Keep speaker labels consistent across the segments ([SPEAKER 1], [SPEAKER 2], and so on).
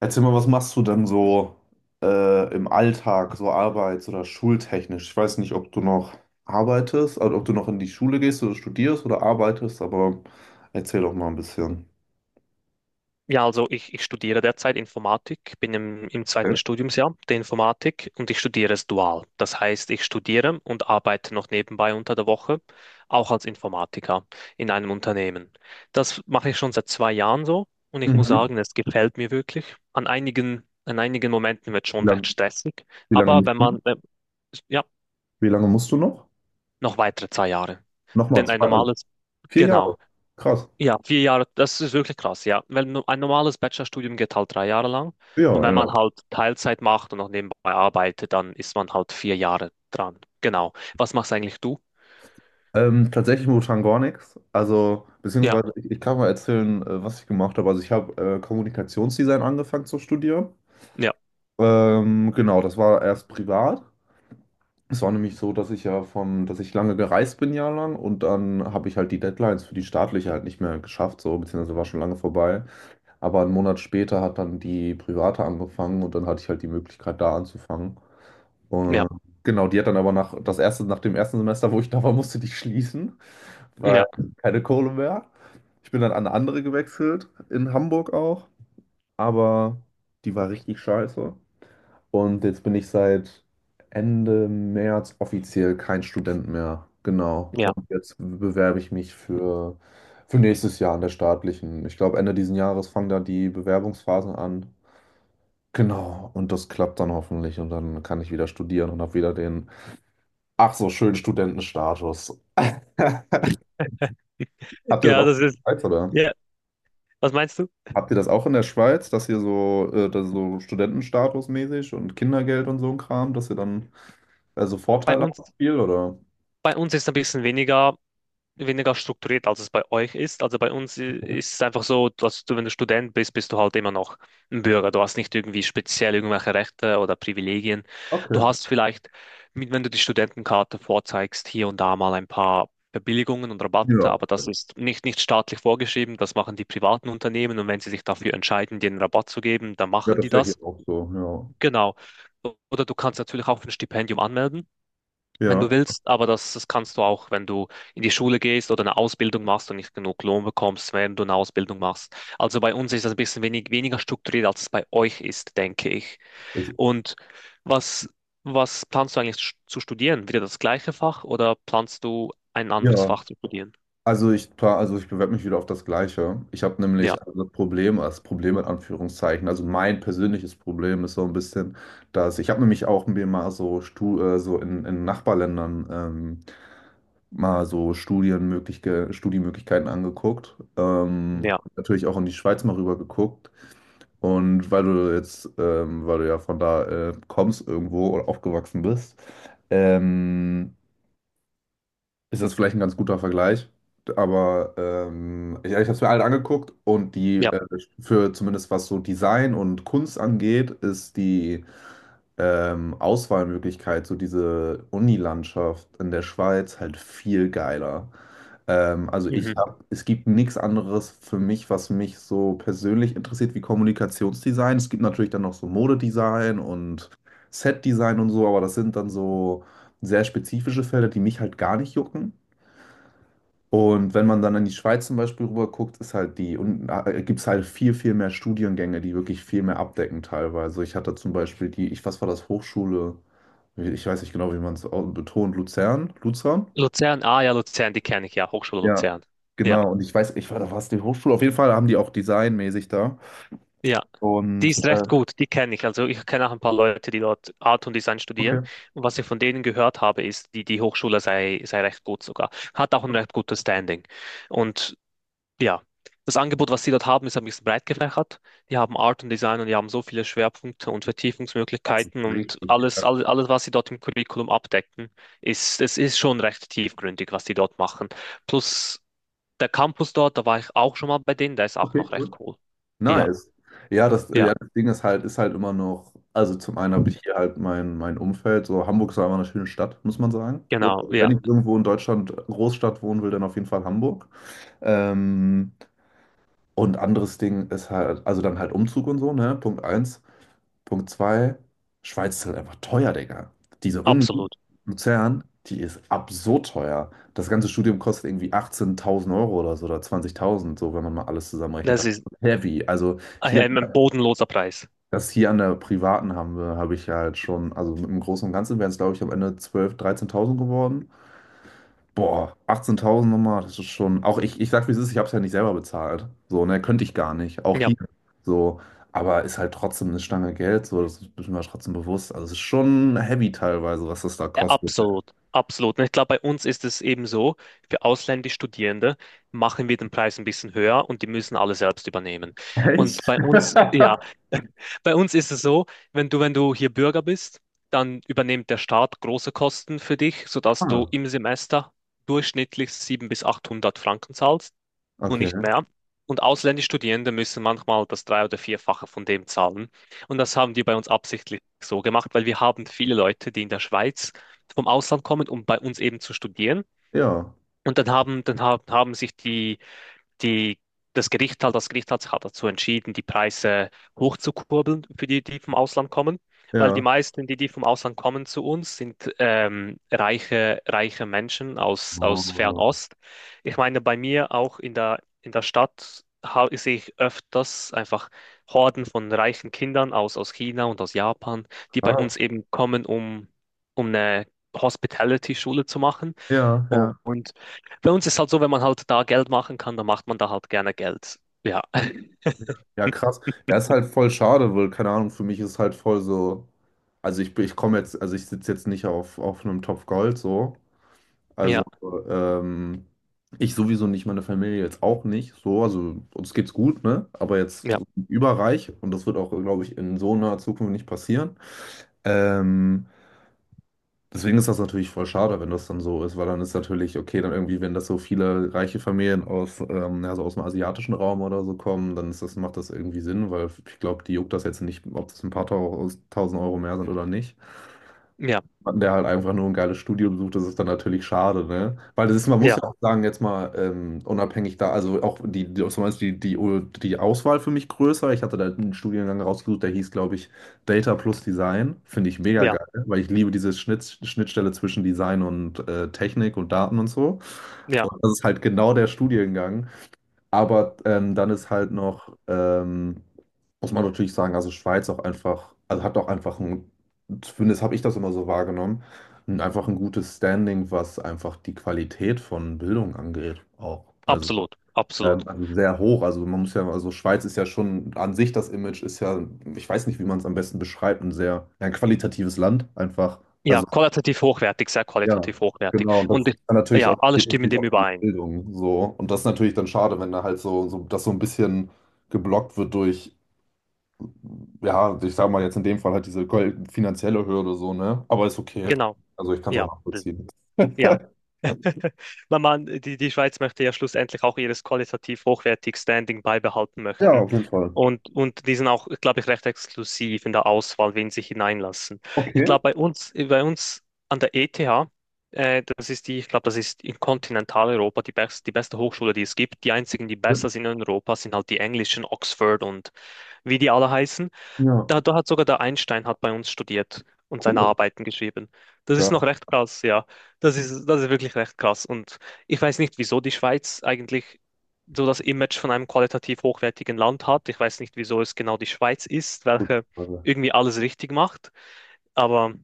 [SPEAKER 1] Erzähl mal, was machst du denn so im Alltag, so arbeits- oder schultechnisch? Ich weiß nicht, ob du noch arbeitest, also ob du noch in die Schule gehst oder studierst oder arbeitest, aber erzähl doch mal ein bisschen.
[SPEAKER 2] Ja, also ich studiere derzeit Informatik, bin im
[SPEAKER 1] Äh,
[SPEAKER 2] 2. Studiumsjahr der Informatik und ich studiere es dual. Das heißt, ich studiere und arbeite noch nebenbei unter der Woche, auch als Informatiker in einem Unternehmen. Das mache ich schon seit 2 Jahren so und ich muss
[SPEAKER 1] Mhm.
[SPEAKER 2] sagen, es gefällt mir wirklich. An einigen Momenten wird es
[SPEAKER 1] Wie
[SPEAKER 2] schon recht
[SPEAKER 1] lang,
[SPEAKER 2] stressig,
[SPEAKER 1] wie lange
[SPEAKER 2] aber
[SPEAKER 1] musst
[SPEAKER 2] wenn
[SPEAKER 1] du noch?
[SPEAKER 2] man, ja,
[SPEAKER 1] Wie lange musst du noch?
[SPEAKER 2] noch weitere 2 Jahre.
[SPEAKER 1] Nochmal
[SPEAKER 2] Denn ein
[SPEAKER 1] zwei, also
[SPEAKER 2] normales,
[SPEAKER 1] vier Jahre.
[SPEAKER 2] genau,
[SPEAKER 1] Krass.
[SPEAKER 2] ja, 4 Jahre, das ist wirklich krass, ja. Weil ein normales Bachelorstudium geht halt 3 Jahre lang.
[SPEAKER 1] Ja,
[SPEAKER 2] Und wenn man
[SPEAKER 1] ja.
[SPEAKER 2] halt Teilzeit macht und noch nebenbei arbeitet, dann ist man halt 4 Jahre dran. Genau. Was machst eigentlich du?
[SPEAKER 1] Tatsächlich momentan gar nichts. Also,
[SPEAKER 2] Ja,
[SPEAKER 1] beziehungsweise ich kann mal erzählen, was ich gemacht habe. Also ich habe Kommunikationsdesign angefangen zu studieren.
[SPEAKER 2] ja,
[SPEAKER 1] Genau, das war erst privat. Es war nämlich so, dass ich lange gereist bin, jahrelang, und dann habe ich halt die Deadlines für die staatliche halt nicht mehr geschafft, so, beziehungsweise war schon lange vorbei. Aber einen Monat später hat dann die private angefangen und dann hatte ich halt die Möglichkeit, da anzufangen. Und
[SPEAKER 2] ja,
[SPEAKER 1] genau, die hat dann aber nach dem ersten Semester, wo ich da war, musste die schließen, weil
[SPEAKER 2] ja,
[SPEAKER 1] keine Kohle mehr. Ich bin dann an eine andere gewechselt, in Hamburg auch, aber die war richtig scheiße. Und jetzt bin ich seit Ende März offiziell kein Student mehr. Genau. Und
[SPEAKER 2] ja.
[SPEAKER 1] jetzt bewerbe ich mich für nächstes Jahr an der staatlichen. Ich glaube, Ende diesen Jahres fangen da die Bewerbungsphasen an. Genau. Und das klappt dann hoffentlich. Und dann kann ich wieder studieren und habe wieder den, ach so, schönen Studentenstatus. Habt ihr das
[SPEAKER 2] Ja,
[SPEAKER 1] auch
[SPEAKER 2] das
[SPEAKER 1] in
[SPEAKER 2] ist,
[SPEAKER 1] der Schweiz, oder?
[SPEAKER 2] ja. Was meinst du?
[SPEAKER 1] Habt ihr das auch in der Schweiz, dass ihr so, dass so Studentenstatus mäßig und Kindergeld und so ein Kram, dass ihr dann also
[SPEAKER 2] Bei
[SPEAKER 1] Vorteile
[SPEAKER 2] uns,
[SPEAKER 1] habt, viel, oder?
[SPEAKER 2] bei uns ist ein bisschen weniger, weniger strukturiert, als es bei euch ist. Also bei uns ist es einfach so, dass du, wenn du Student bist, bist du halt immer noch ein Bürger. Du hast nicht irgendwie speziell irgendwelche Rechte oder Privilegien. Du
[SPEAKER 1] Okay.
[SPEAKER 2] hast vielleicht, wenn du die Studentenkarte vorzeigst, hier und da mal ein paar Verbilligungen und Rabatte,
[SPEAKER 1] Ja,
[SPEAKER 2] aber das ist nicht staatlich vorgeschrieben. Das machen die privaten Unternehmen, und wenn sie sich dafür entscheiden, dir einen Rabatt zu geben, dann
[SPEAKER 1] ja,
[SPEAKER 2] machen
[SPEAKER 1] das
[SPEAKER 2] die
[SPEAKER 1] ist ja hier
[SPEAKER 2] das.
[SPEAKER 1] auch so, ja.
[SPEAKER 2] Genau. Oder du kannst natürlich auch für ein Stipendium anmelden, wenn
[SPEAKER 1] Ja,
[SPEAKER 2] du willst, aber das, das kannst du auch, wenn du in die Schule gehst oder eine Ausbildung machst und nicht genug Lohn bekommst, während du eine Ausbildung machst. Also bei uns ist das ein bisschen wenig, weniger strukturiert, als es bei euch ist, denke ich.
[SPEAKER 1] ich,
[SPEAKER 2] Und was, was planst du eigentlich zu studieren? Wieder das gleiche Fach, oder planst du ein anderes
[SPEAKER 1] ja.
[SPEAKER 2] Fach zu studieren?
[SPEAKER 1] Also ich, pla- also ich bewerbe mich wieder auf das Gleiche. Ich habe
[SPEAKER 2] Ja,
[SPEAKER 1] nämlich also das Problem in Anführungszeichen, also mein persönliches Problem ist so ein bisschen, dass ich habe nämlich auch mir mal so, so in Nachbarländern mal so Studienmöglichkeiten angeguckt.
[SPEAKER 2] ja,
[SPEAKER 1] Natürlich auch in die Schweiz mal rüber geguckt. Und weil du ja von da kommst irgendwo oder aufgewachsen bist, ähm, ist das vielleicht ein ganz guter Vergleich. Aber ich habe es mir alle angeguckt und die
[SPEAKER 2] ja.
[SPEAKER 1] für zumindest was so Design und Kunst angeht, ist die Auswahlmöglichkeit, so diese Unilandschaft in der Schweiz halt viel geiler. Also
[SPEAKER 2] Mhm.
[SPEAKER 1] es gibt nichts anderes für mich, was mich so persönlich interessiert wie Kommunikationsdesign. Es gibt natürlich dann noch so Modedesign und Setdesign und so, aber das sind dann so sehr spezifische Felder, die mich halt gar nicht jucken. Und wenn man dann in die Schweiz zum Beispiel rüber guckt, ist halt die, und gibt es halt viel, viel mehr Studiengänge, die wirklich viel mehr abdecken teilweise. Ich hatte zum Beispiel die, ich, was war das, Hochschule, ich weiß nicht genau, wie man es betont, Luzern, Luzern.
[SPEAKER 2] Luzern, ah ja, Luzern, die kenne ich ja, Hochschule
[SPEAKER 1] Ja,
[SPEAKER 2] Luzern. Ja,
[SPEAKER 1] genau. Und ich weiß, ich war da, war es die Hochschule? Auf jeden Fall haben die auch designmäßig da.
[SPEAKER 2] ja. Die
[SPEAKER 1] Und
[SPEAKER 2] ist
[SPEAKER 1] äh,
[SPEAKER 2] recht gut, die kenne ich. Also ich kenne auch ein paar Leute, die dort Art und Design studieren.
[SPEAKER 1] Okay.
[SPEAKER 2] Und was ich von denen gehört habe, ist, die, die Hochschule sei recht gut sogar. Hat auch ein recht gutes Standing. Und ja, das Angebot, was sie dort haben, ist ein bisschen breit gefächert. Die haben Art und Design und die haben so viele Schwerpunkte und
[SPEAKER 1] Das ist
[SPEAKER 2] Vertiefungsmöglichkeiten, und
[SPEAKER 1] richtig
[SPEAKER 2] alles,
[SPEAKER 1] krass.
[SPEAKER 2] alles, alles, was sie dort im Curriculum abdecken, ist, es ist schon recht tiefgründig, was die dort machen. Plus der Campus dort, da war ich auch schon mal bei denen, der ist auch
[SPEAKER 1] Okay,
[SPEAKER 2] noch recht
[SPEAKER 1] cool.
[SPEAKER 2] cool. Ja,
[SPEAKER 1] Nice. Ja,
[SPEAKER 2] ja,
[SPEAKER 1] das Ding ist halt immer noch, also zum einen habe ich hier halt mein Umfeld, so Hamburg ist einfach eine schöne Stadt, muss man sagen. So,
[SPEAKER 2] genau,
[SPEAKER 1] also
[SPEAKER 2] ja.
[SPEAKER 1] wenn ich irgendwo in Deutschland Großstadt wohnen will, dann auf jeden Fall Hamburg. Ähm, und anderes Ding ist halt, also dann halt Umzug und so, ne? Punkt eins. Punkt zwei, Schweiz ist halt einfach teuer, Digga. Diese Uni
[SPEAKER 2] Absolut.
[SPEAKER 1] Luzern, die ist absurd teuer. Das ganze Studium kostet irgendwie 18.000 Euro oder so oder 20.000, so wenn man mal alles zusammenrechnet.
[SPEAKER 2] Das
[SPEAKER 1] Das
[SPEAKER 2] ist
[SPEAKER 1] ist heavy. Also hier,
[SPEAKER 2] ein bodenloser Preis.
[SPEAKER 1] das hier an der privaten habe ich halt schon, also im Großen und Ganzen wären es, glaube ich, am Ende 12.000, 13.000 geworden. Boah, 18.000 nochmal, das ist schon. Auch ich sag, wie es ist, ich hab's ja nicht selber bezahlt. So, ne, könnte ich gar nicht. Auch
[SPEAKER 2] Ja,
[SPEAKER 1] hier. So, aber ist halt trotzdem eine Stange Geld. So, das ist mir trotzdem bewusst. Also, es ist schon heavy teilweise, was das da kostet.
[SPEAKER 2] absolut. Absolut. Und ich glaube, bei uns ist es eben so, für ausländische Studierende machen wir den Preis ein bisschen höher und die müssen alle selbst übernehmen. Und
[SPEAKER 1] Echt?
[SPEAKER 2] bei uns, ja, bei uns ist es so, wenn du, wenn du hier Bürger bist, dann übernimmt der Staat große Kosten für dich, sodass du
[SPEAKER 1] Ah,
[SPEAKER 2] im Semester durchschnittlich 700 bis 800 Franken zahlst und
[SPEAKER 1] okay.
[SPEAKER 2] nicht mehr. Und ausländische Studierende müssen manchmal das Drei- oder Vierfache von dem zahlen. Und das haben die bei uns absichtlich so gemacht, weil wir haben viele Leute, die in der Schweiz vom Ausland kommen, um bei uns eben zu studieren.
[SPEAKER 1] Ja,
[SPEAKER 2] Und dann haben sich die, die, das Gericht halt, das Gericht hat sich halt dazu entschieden, die Preise hochzukurbeln für die, die vom Ausland kommen, weil die
[SPEAKER 1] ja.
[SPEAKER 2] meisten, die, die vom Ausland kommen zu uns, sind reiche, reiche Menschen aus, aus
[SPEAKER 1] Oh,
[SPEAKER 2] Fernost. Ich meine, bei mir auch in der Stadt sehe ich öfters einfach Horden von reichen Kindern aus, aus China und aus Japan, die bei uns
[SPEAKER 1] krass.
[SPEAKER 2] eben kommen, um, um eine Hospitality-Schule zu machen.
[SPEAKER 1] Ja, ja.
[SPEAKER 2] Und bei uns ist halt so, wenn man halt da Geld machen kann, dann macht man da halt gerne Geld. Ja,
[SPEAKER 1] Ja, krass. Ja, ist halt voll schade, weil, keine Ahnung, für mich ist halt voll so. Also ich sitze jetzt nicht auf einem Topf Gold so, Also,
[SPEAKER 2] ja,
[SPEAKER 1] ähm, ich sowieso nicht, meine Familie jetzt auch nicht. So, also uns geht's gut, ne? Aber jetzt
[SPEAKER 2] ja,
[SPEAKER 1] überreich und das wird auch, glaube ich, in so naher Zukunft nicht passieren. Ähm, deswegen ist das natürlich voll schade, wenn das dann so ist, weil dann ist natürlich, okay, dann irgendwie, wenn das so viele reiche Familien aus, also aus dem asiatischen Raum oder so kommen, dann ist das, macht das irgendwie Sinn, weil ich glaube, die juckt das jetzt nicht, ob das ein paar tausend Euro mehr sind oder nicht.
[SPEAKER 2] ja,
[SPEAKER 1] Mann, der halt einfach nur ein geiles Studio besucht, das ist dann natürlich schade, ne? Weil das ist, man muss
[SPEAKER 2] ja,
[SPEAKER 1] ja auch sagen, jetzt mal unabhängig da, also auch zum Beispiel die Auswahl für mich größer. Ich hatte da einen Studiengang rausgesucht, der hieß, glaube ich, Data plus Design. Finde ich mega
[SPEAKER 2] ja,
[SPEAKER 1] geil, weil ich liebe diese Schnittstelle zwischen Design und Technik und Daten und so.
[SPEAKER 2] ja,
[SPEAKER 1] Und das ist halt genau der Studiengang, aber dann ist halt noch, muss man natürlich sagen, also Schweiz auch einfach, also hat auch einfach ein, zumindest habe ich das immer so wahrgenommen, einfach ein gutes Standing, was einfach die Qualität von Bildung angeht, auch.
[SPEAKER 2] absolut, absolut.
[SPEAKER 1] Also sehr hoch. Also man muss ja, also Schweiz ist ja schon an sich das Image ist ja, ich weiß nicht, wie man es am besten beschreibt, ein sehr ein qualitatives Land einfach.
[SPEAKER 2] Ja,
[SPEAKER 1] Also
[SPEAKER 2] qualitativ hochwertig, sehr
[SPEAKER 1] ja,
[SPEAKER 2] qualitativ hochwertig.
[SPEAKER 1] genau. Und das
[SPEAKER 2] Und
[SPEAKER 1] ist dann natürlich
[SPEAKER 2] ja,
[SPEAKER 1] auch,
[SPEAKER 2] alle
[SPEAKER 1] geht
[SPEAKER 2] stimmen
[SPEAKER 1] natürlich
[SPEAKER 2] dem
[SPEAKER 1] auch um
[SPEAKER 2] überein.
[SPEAKER 1] Bildung so. Und das ist natürlich dann schade, wenn da halt so das so ein bisschen geblockt wird durch, ja, ich sag mal jetzt in dem Fall halt diese finanzielle Hürde so, ne? Aber ist okay.
[SPEAKER 2] Genau.
[SPEAKER 1] Also ich kann es auch
[SPEAKER 2] Ja,
[SPEAKER 1] nachvollziehen.
[SPEAKER 2] ja. Weil man, die, die Schweiz möchte ja schlussendlich auch ihres qualitativ hochwertig Standing beibehalten
[SPEAKER 1] Ja,
[SPEAKER 2] möchten.
[SPEAKER 1] auf jeden Fall.
[SPEAKER 2] Und die sind auch, glaube ich, recht exklusiv in der Auswahl, wen sie hineinlassen. Ich
[SPEAKER 1] Okay.
[SPEAKER 2] glaube, bei uns an der ETH, das ist die, ich glaube, das ist in Kontinentaleuropa die beste Hochschule, die es gibt. Die einzigen, die besser sind in Europa, sind halt die englischen, Oxford und wie die alle heißen.
[SPEAKER 1] Ja,
[SPEAKER 2] Da hat sogar der Einstein hat bei uns studiert und seine
[SPEAKER 1] cool.
[SPEAKER 2] Arbeiten geschrieben. Das ist noch
[SPEAKER 1] Geil.
[SPEAKER 2] recht krass, ja. Das ist wirklich recht krass. Und ich weiß nicht, wieso die Schweiz eigentlich so das Image von einem qualitativ hochwertigen Land hat. Ich weiß nicht, wieso es genau die Schweiz ist,
[SPEAKER 1] Gut.
[SPEAKER 2] welche
[SPEAKER 1] Also,
[SPEAKER 2] irgendwie alles richtig macht. Aber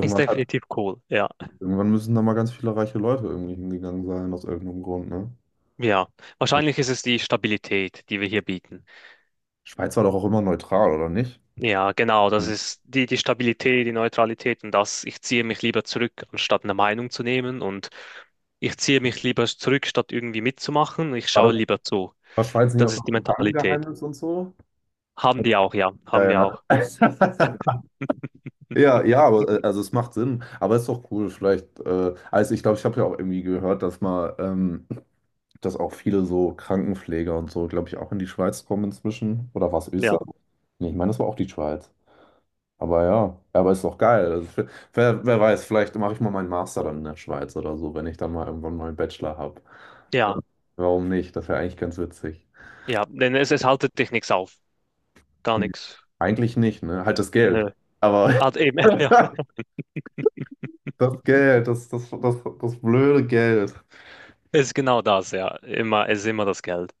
[SPEAKER 2] ist
[SPEAKER 1] hat,
[SPEAKER 2] definitiv cool, ja.
[SPEAKER 1] irgendwann müssen da mal ganz viele reiche Leute irgendwie hingegangen sein, aus irgendeinem Grund, ne?
[SPEAKER 2] Ja, wahrscheinlich ist es die Stabilität, die wir hier bieten.
[SPEAKER 1] Schweiz war doch auch immer neutral, oder nicht?
[SPEAKER 2] Ja, genau, das
[SPEAKER 1] Hm.
[SPEAKER 2] ist die, die Stabilität, die Neutralität und das, ich ziehe mich lieber zurück, anstatt eine Meinung zu nehmen, und ich ziehe mich lieber zurück, statt irgendwie mitzumachen. Ich
[SPEAKER 1] War
[SPEAKER 2] schaue
[SPEAKER 1] das,
[SPEAKER 2] lieber zu.
[SPEAKER 1] War Schweiz nicht
[SPEAKER 2] Das
[SPEAKER 1] auch doch
[SPEAKER 2] ist die
[SPEAKER 1] mit
[SPEAKER 2] Mentalität.
[SPEAKER 1] Bankengeheimnis und so?
[SPEAKER 2] Haben die auch, ja, haben
[SPEAKER 1] Ja,
[SPEAKER 2] wir auch.
[SPEAKER 1] ja. Ja, ja, aber also es macht Sinn. Aber es ist doch cool, vielleicht. Also ich glaube, ich habe ja auch irgendwie gehört, dass auch viele so Krankenpfleger und so, glaube ich, auch in die Schweiz kommen inzwischen. Oder war es
[SPEAKER 2] Ja,
[SPEAKER 1] Österreich? Nee, ich meine, das war auch die Schweiz. Aber ja, aber ist doch geil. Also, wer weiß, vielleicht mache ich mal meinen Master dann in der Schweiz oder so, wenn ich dann mal irgendwann mal einen Bachelor habe.
[SPEAKER 2] ja,
[SPEAKER 1] Warum nicht? Das wäre eigentlich ganz witzig.
[SPEAKER 2] ja, denn es haltet dich nichts auf, gar
[SPEAKER 1] Nee,
[SPEAKER 2] nichts.
[SPEAKER 1] eigentlich nicht, ne? Halt das
[SPEAKER 2] Nö.
[SPEAKER 1] Geld. Aber
[SPEAKER 2] Hat eben, ja,
[SPEAKER 1] das Geld, das blöde Geld.
[SPEAKER 2] es ist genau das, ja, immer, es ist immer das Geld.